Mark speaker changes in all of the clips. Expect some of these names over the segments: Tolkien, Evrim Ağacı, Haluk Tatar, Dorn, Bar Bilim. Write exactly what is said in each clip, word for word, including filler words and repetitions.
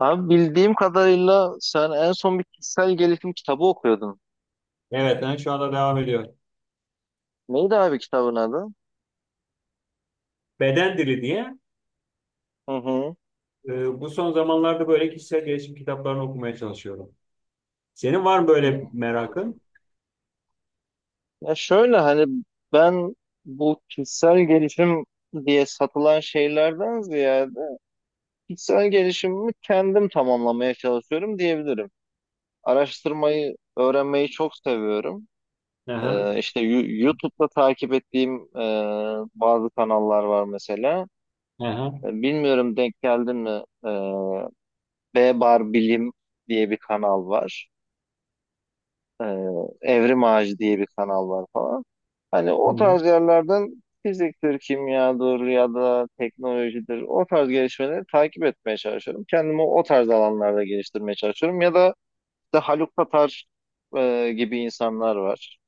Speaker 1: Abi bildiğim kadarıyla sen en son bir kişisel gelişim kitabı okuyordun.
Speaker 2: Evet, yani şu anda devam ediyor.
Speaker 1: Neydi abi kitabın adı?
Speaker 2: Beden dili diye
Speaker 1: Hı hı.
Speaker 2: e, bu son zamanlarda böyle kişisel gelişim kitaplarını okumaya çalışıyorum. Senin var mı
Speaker 1: Hmm,
Speaker 2: böyle
Speaker 1: anladım.
Speaker 2: merakın?
Speaker 1: Ya şöyle hani ben bu kişisel gelişim diye satılan şeylerden ziyade kişisel gelişimimi kendim tamamlamaya çalışıyorum diyebilirim. Araştırmayı, öğrenmeyi çok seviyorum.
Speaker 2: Aha,
Speaker 1: Ee, işte Yu- YouTube'da takip ettiğim e, bazı kanallar var mesela. E,
Speaker 2: aha.
Speaker 1: Bilmiyorum denk geldin mi? E, B Bar Bilim diye bir kanal var. Ee, Evrim Ağacı diye bir kanal var falan. Hani
Speaker 2: Hı
Speaker 1: o
Speaker 2: hı.
Speaker 1: tarz yerlerden fiziktir, kimyadır ya da teknolojidir o tarz gelişmeleri takip etmeye çalışıyorum. Kendimi o tarz alanlarda geliştirmeye çalışıyorum. Ya da işte Haluk Tatar e, gibi insanlar var.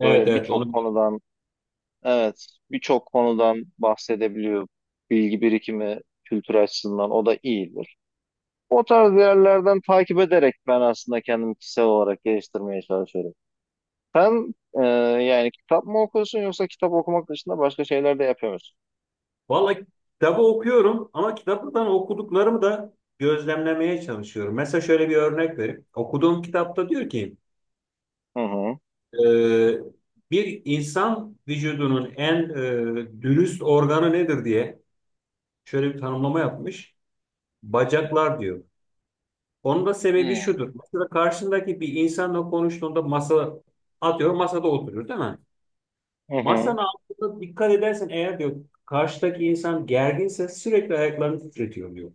Speaker 2: Evet
Speaker 1: Böyle
Speaker 2: evet
Speaker 1: birçok
Speaker 2: onu.
Speaker 1: konudan evet birçok konudan bahsedebiliyor. Bilgi birikimi kültür açısından o da iyidir. O tarz yerlerden takip ederek ben aslında kendimi kişisel olarak geliştirmeye çalışıyorum. Sen e, yani kitap mı okuyorsun yoksa kitap okumak dışında başka şeyler de yapıyor musun?
Speaker 2: Vallahi kitabı okuyorum ama kitaptan okuduklarımı da gözlemlemeye çalışıyorum. Mesela şöyle bir örnek vereyim. Okuduğum kitapta diyor ki
Speaker 1: Hı hı.
Speaker 2: e, bir insan vücudunun en e, dürüst organı nedir diye şöyle bir tanımlama yapmış. Bacaklar diyor. Onun da sebebi
Speaker 1: Hmm.
Speaker 2: şudur. Mesela karşındaki bir insanla konuştuğunda masa atıyorum masada oturur değil mi?
Speaker 1: Hı hı.
Speaker 2: Masanın altında dikkat edersen eğer diyor karşıdaki insan gerginse sürekli ayaklarını titretiyor diyor.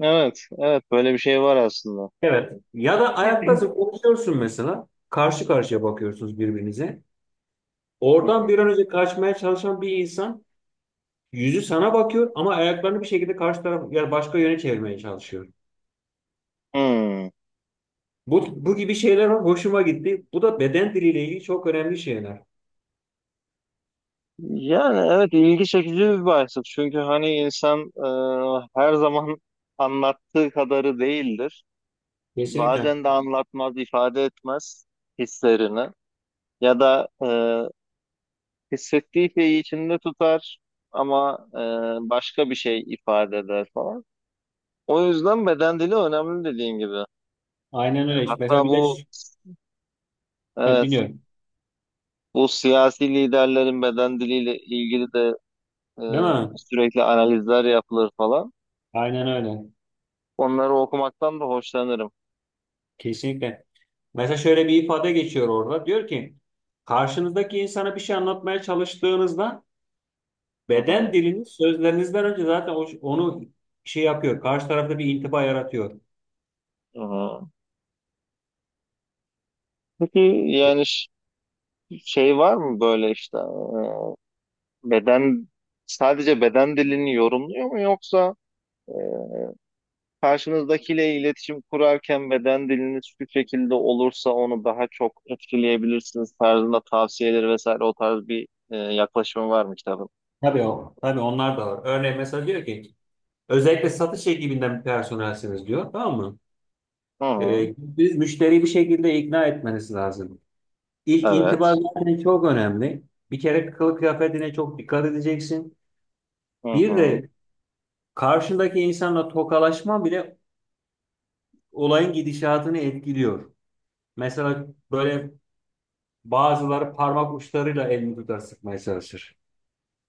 Speaker 1: Evet, evet böyle bir şey var aslında.
Speaker 2: Evet. Ya da ayaktasın konuşuyorsun mesela. Karşı karşıya bakıyorsunuz birbirinize.
Speaker 1: Hı
Speaker 2: Oradan
Speaker 1: hı.
Speaker 2: bir an önce kaçmaya çalışan bir insan yüzü sana bakıyor ama ayaklarını bir şekilde karşı taraf yani başka yöne çevirmeye çalışıyor.
Speaker 1: Hmm.
Speaker 2: Bu, bu gibi şeyler hoşuma gitti. Bu da beden diliyle ilgili çok önemli şeyler.
Speaker 1: Yani evet ilgi çekici bir başlık. Çünkü hani insan e, her zaman anlattığı kadarı değildir.
Speaker 2: Kesinlikle.
Speaker 1: Bazen de anlatmaz, ifade etmez hislerini. Ya da e, hissettiği şeyi içinde tutar ama e, başka bir şey ifade eder falan. O yüzden beden dili önemli dediğin gibi.
Speaker 2: Aynen öyle.
Speaker 1: Hatta
Speaker 2: Mesela bir de
Speaker 1: bu
Speaker 2: ş- ha,
Speaker 1: evet,
Speaker 2: dinliyorum.
Speaker 1: bu siyasi liderlerin beden diliyle ilgili de e,
Speaker 2: Değil mi?
Speaker 1: sürekli analizler yapılır falan.
Speaker 2: Aynen öyle.
Speaker 1: Onları okumaktan da hoşlanırım.
Speaker 2: Kesinlikle. Mesela şöyle bir ifade geçiyor orada. Diyor ki karşınızdaki insana bir şey anlatmaya çalıştığınızda
Speaker 1: Hı
Speaker 2: beden
Speaker 1: hı,
Speaker 2: diliniz sözlerinizden önce zaten o- onu şey yapıyor. Karşı tarafta bir intiba yaratıyor.
Speaker 1: hı hı. Peki
Speaker 2: E,
Speaker 1: yani ş- şey var mı böyle işte e, beden sadece beden dilini yorumluyor mu, yoksa e, karşınızdakiyle iletişim kurarken beden diliniz şu şekilde olursa onu daha çok etkileyebilirsiniz tarzında tavsiyeleri vesaire o tarz bir e, yaklaşımı var mı kitabın?
Speaker 2: Tabii o. Tabii onlar da var. Örneğin mesela diyor ki özellikle satış ekibinden bir personelsiniz diyor. Tamam mı?
Speaker 1: Hı, hı
Speaker 2: E, biz müşteriyi bir şekilde ikna etmeniz lazım. İlk intiba
Speaker 1: evet.
Speaker 2: zaten çok önemli. Bir kere kılık kıyafetine çok dikkat edeceksin.
Speaker 1: Hı
Speaker 2: Bir de
Speaker 1: hı.
Speaker 2: karşındaki insanla tokalaşma bile olayın gidişatını etkiliyor. Mesela böyle bazıları parmak uçlarıyla elini tutar sıkmaya çalışır.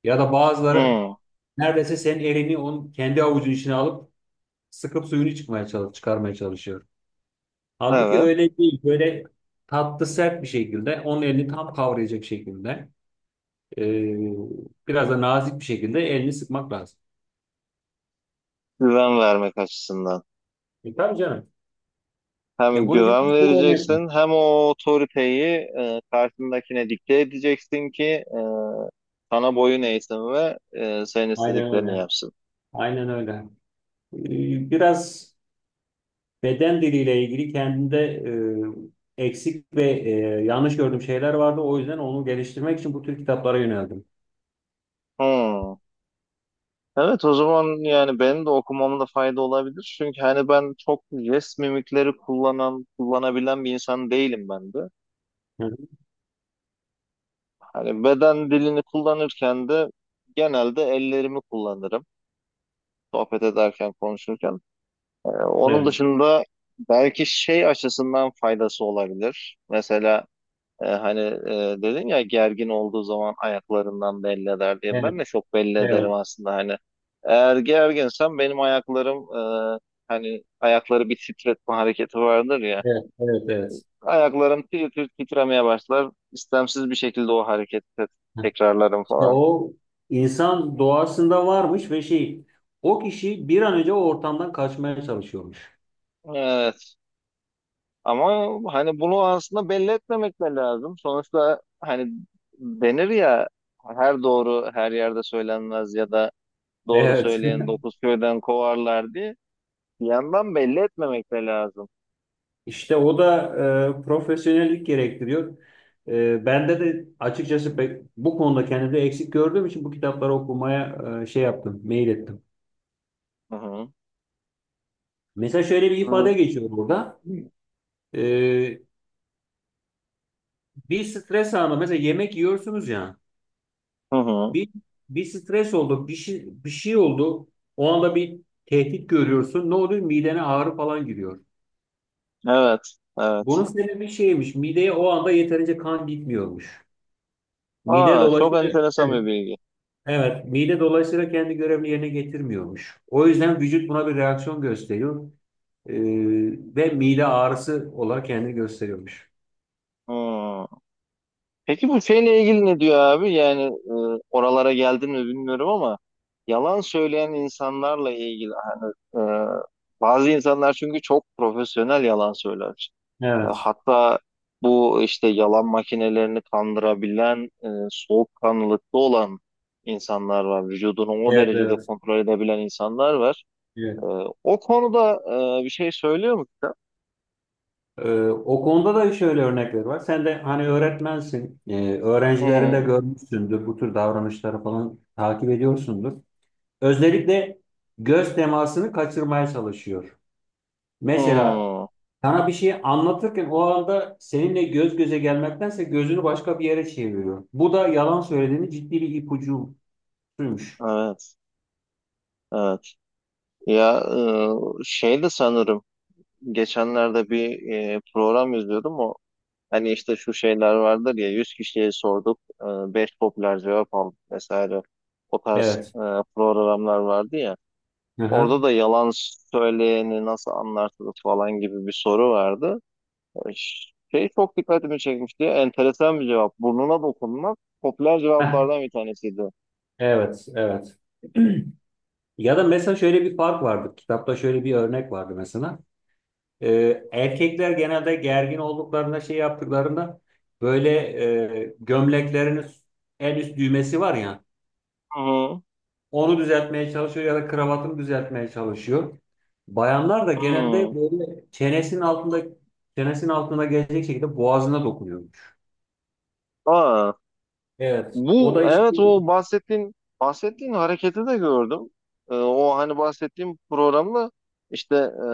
Speaker 2: Ya da bazıları
Speaker 1: Hı,
Speaker 2: neredeyse senin elini onun kendi avucun içine alıp sıkıp suyunu çıkmaya çalış çıkarmaya çalışıyor. Halbuki
Speaker 1: evet.
Speaker 2: öyle değil. Böyle tatlı sert bir şekilde onun elini tam kavrayacak şekilde. Ee, biraz da nazik bir şekilde elini sıkmak lazım.
Speaker 1: Güven vermek açısından.
Speaker 2: E, tabii canım. Ya
Speaker 1: Hem
Speaker 2: bunun gibi bir
Speaker 1: güven
Speaker 2: sürü örnek var.
Speaker 1: vereceksin hem o otoriteyi e, karşındakine dikte edeceksin ki e, sana boyun eğsin ve e, senin
Speaker 2: Aynen
Speaker 1: istediklerini
Speaker 2: öyle.
Speaker 1: yapsın.
Speaker 2: Aynen öyle. Ee, biraz beden diliyle ilgili kendinde e, eksik ve e, yanlış gördüğüm şeyler vardı. O yüzden onu geliştirmek için bu tür kitaplara yöneldim.
Speaker 1: Hı. Evet o zaman yani benim de okumamda fayda olabilir. Çünkü hani ben çok jest mimikleri kullanan, kullanabilen bir insan değilim ben de.
Speaker 2: Hı hı.
Speaker 1: Hani beden dilini kullanırken de genelde ellerimi kullanırım. Sohbet ederken, konuşurken. Ee, onun
Speaker 2: Evet,
Speaker 1: dışında belki şey açısından faydası olabilir. Mesela E, hani e, dedin ya gergin olduğu zaman ayaklarından belli eder diye.
Speaker 2: evet,
Speaker 1: Ben de çok belli ederim
Speaker 2: evet,
Speaker 1: aslında hani. Eğer gerginsem benim ayaklarım e, hani ayakları bir titretme hareketi vardır ya.
Speaker 2: evet, evet, evet.
Speaker 1: Ayaklarım tir tir titremeye başlar. İstemsiz bir şekilde o hareketi te-
Speaker 2: Hı.
Speaker 1: tekrarlarım
Speaker 2: İşte
Speaker 1: falan.
Speaker 2: o insan doğasında varmış ve şey, o kişi bir an önce o ortamdan kaçmaya çalışıyormuş.
Speaker 1: Evet. Ama hani bunu aslında belli etmemek de lazım. Sonuçta hani denir ya, her doğru her yerde söylenmez ya da doğru
Speaker 2: Evet.
Speaker 1: söyleyen dokuz köyden kovarlar diye. Bir yandan belli etmemek de lazım.
Speaker 2: İşte o da e, profesyonellik gerektiriyor. E, bende de açıkçası pek, bu konuda kendimde eksik gördüğüm için bu kitapları okumaya e, şey yaptım, mail ettim.
Speaker 1: Hı hı.
Speaker 2: Mesela şöyle bir
Speaker 1: Hı
Speaker 2: ifade geçiyor burada. E, bir stres anı, mesela yemek yiyorsunuz ya.
Speaker 1: hı. Hı.
Speaker 2: Bir bir stres oldu, bir şey, bir şey oldu. O anda bir tehdit görüyorsun. Ne oluyor? Midene ağrı falan giriyor.
Speaker 1: Evet,
Speaker 2: Bunun
Speaker 1: evet.
Speaker 2: sebebi şeymiş, mideye o anda yeterince kan gitmiyormuş. Mide
Speaker 1: Aa, çok
Speaker 2: dolaşıyor.
Speaker 1: enteresan bir bilgi.
Speaker 2: Evet, mide dolayısıyla kendi görevini yerine getirmiyormuş. O yüzden vücut buna bir reaksiyon gösteriyor e, ve mide ağrısı olarak kendini gösteriyormuş.
Speaker 1: Hı. Peki bu şeyle ilgili ne diyor abi? Yani e, oralara geldim mi bilmiyorum ama yalan söyleyen insanlarla ilgili e, bazı insanlar çünkü çok profesyonel yalan söyler. E,
Speaker 2: Evet,
Speaker 1: hatta bu işte yalan makinelerini kandırabilen, e, soğukkanlılıkta olan insanlar var. Vücudunu o
Speaker 2: evet,
Speaker 1: derecede
Speaker 2: evet.
Speaker 1: kontrol edebilen insanlar var. Ee,
Speaker 2: evet.
Speaker 1: o konuda e, bir şey söylüyor mu kitap?
Speaker 2: E, o konuda da şöyle örnekler var. Sen de hani öğretmensin, e,
Speaker 1: Hı
Speaker 2: öğrencilerinde
Speaker 1: hı.
Speaker 2: görmüşsündür, bu tür davranışları falan takip ediyorsundur. Özellikle göz temasını kaçırmaya çalışıyor. Mesela
Speaker 1: Hmm,
Speaker 2: sana bir şey anlatırken o anda seninle göz göze gelmektense gözünü başka bir yere çeviriyor. Bu da yalan söylediğini ciddi bir ipucuymuş.
Speaker 1: evet. Evet. Ya e, şey de sanırım geçenlerde bir e, program izliyordum, o hani işte şu şeyler vardır ya, yüz kişiye sorduk e, beş popüler cevap aldık vesaire, o tarz
Speaker 2: Evet.
Speaker 1: e, programlar vardı ya.
Speaker 2: Hı hı.
Speaker 1: Orada da yalan söyleyeni nasıl anlarsınız falan gibi bir soru vardı. Şey çok dikkatimi çekmişti. Enteresan bir cevap. Burnuna dokunmak popüler
Speaker 2: Heh,
Speaker 1: cevaplardan bir tanesiydi.
Speaker 2: evet, evet. Ya da mesela şöyle bir fark vardı. Kitapta şöyle bir örnek vardı mesela. Ee, erkekler genelde gergin olduklarında şey yaptıklarında böyle e, gömleklerinin en üst düğmesi var ya.
Speaker 1: Hı hı.
Speaker 2: Onu düzeltmeye çalışıyor ya da kravatını düzeltmeye çalışıyor. Bayanlar da
Speaker 1: Hmm.
Speaker 2: genelde böyle çenesinin altında çenesinin altına gelecek şekilde boğazına dokunuyormuş.
Speaker 1: Aa,
Speaker 2: Evet. O
Speaker 1: bu
Speaker 2: da işte
Speaker 1: evet o bahsettiğin bahsettiğin hareketi de gördüm. Ee, o hani bahsettiğim programda işte e,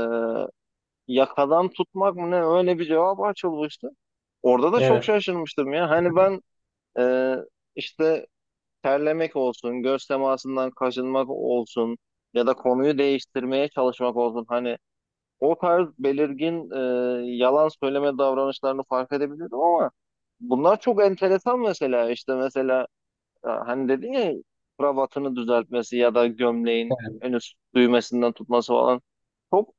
Speaker 1: yakadan tutmak mı ne öyle bir cevap açılmıştı. Orada da çok
Speaker 2: evet,
Speaker 1: şaşırmıştım ya. Hani ben e, işte terlemek olsun, göz temasından kaçınmak olsun ya da konuyu değiştirmeye çalışmak olsun. Hani o tarz belirgin e, yalan söyleme davranışlarını fark edebiliyordum ama bunlar çok enteresan mesela işte mesela e, hani dedin ya, kravatını düzeltmesi ya da gömleğin
Speaker 2: evet,
Speaker 1: en üst düğmesinden tutması falan çok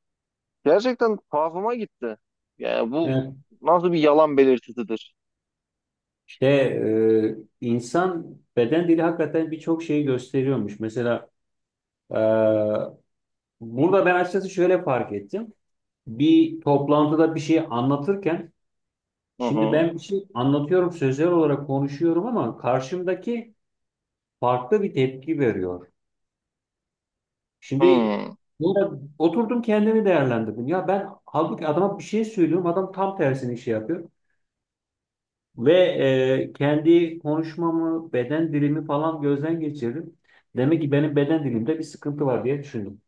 Speaker 1: gerçekten tuhafıma gitti. Yani bu
Speaker 2: evet.
Speaker 1: nasıl bir yalan belirtisidir?
Speaker 2: İşte e, insan beden dili hakikaten birçok şeyi gösteriyormuş. Mesela e, burada ben açıkçası şöyle fark ettim. Bir toplantıda bir şey anlatırken
Speaker 1: Hı
Speaker 2: şimdi
Speaker 1: hı.
Speaker 2: ben bir şey anlatıyorum, sözler olarak konuşuyorum ama karşımdaki farklı bir tepki veriyor. Şimdi
Speaker 1: Hı.
Speaker 2: burada oturdum kendimi değerlendirdim. Ya ben halbuki adama bir şey söylüyorum. Adam tam tersini şey yapıyor. Ve e, Kendi konuşmamı, beden dilimi falan gözden geçirdim. Demek ki benim beden dilimde bir sıkıntı var diye düşündüm.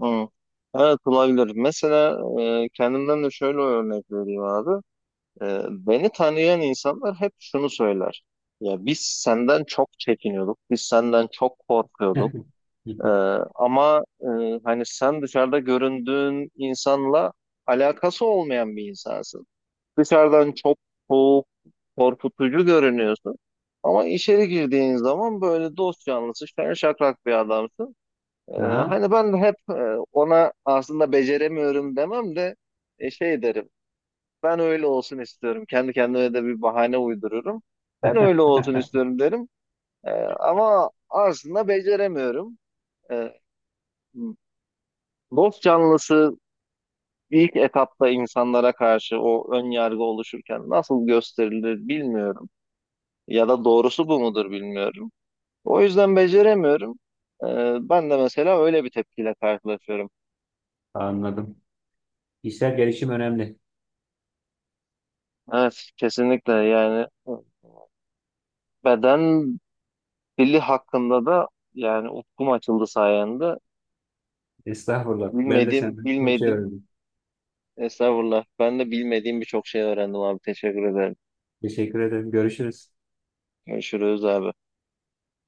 Speaker 1: Hı. Evet olabilir. Mesela e, kendimden de şöyle örnek vereyim abi. Ee, beni tanıyan insanlar hep şunu söyler. Ya biz senden çok çekiniyorduk, biz senden çok korkuyorduk. Ee, ama e, hani sen dışarıda göründüğün insanla alakası olmayan bir insansın. Dışarıdan çok soğuk, korkutucu görünüyorsun. Ama içeri girdiğin zaman böyle dost canlısı, şen şakrak bir adamsın. Ee,
Speaker 2: Aha,
Speaker 1: hani ben de hep e, ona aslında beceremiyorum demem de e, şey derim. Ben öyle olsun istiyorum. Kendi kendime de bir bahane uydururum. Ben öyle olsun istiyorum derim. Ee, ama aslında beceremiyorum. Ee, dost canlısı ilk etapta insanlara karşı o ön yargı oluşurken nasıl gösterilir bilmiyorum. Ya da doğrusu bu mudur bilmiyorum. O yüzden beceremiyorum. Ee, ben de mesela öyle bir tepkiyle karşılaşıyorum.
Speaker 2: anladım. Kişisel gelişim önemli.
Speaker 1: Evet, kesinlikle yani beden dili hakkında da yani ufkum açıldı sayende.
Speaker 2: Estağfurullah. Ben de
Speaker 1: Bilmedim,
Speaker 2: senden çok şey
Speaker 1: bilmedim.
Speaker 2: öğrendim.
Speaker 1: Estağfurullah. Ben de bilmediğim birçok şey öğrendim abi. Teşekkür ederim.
Speaker 2: Teşekkür ederim. Görüşürüz.
Speaker 1: Görüşürüz abi.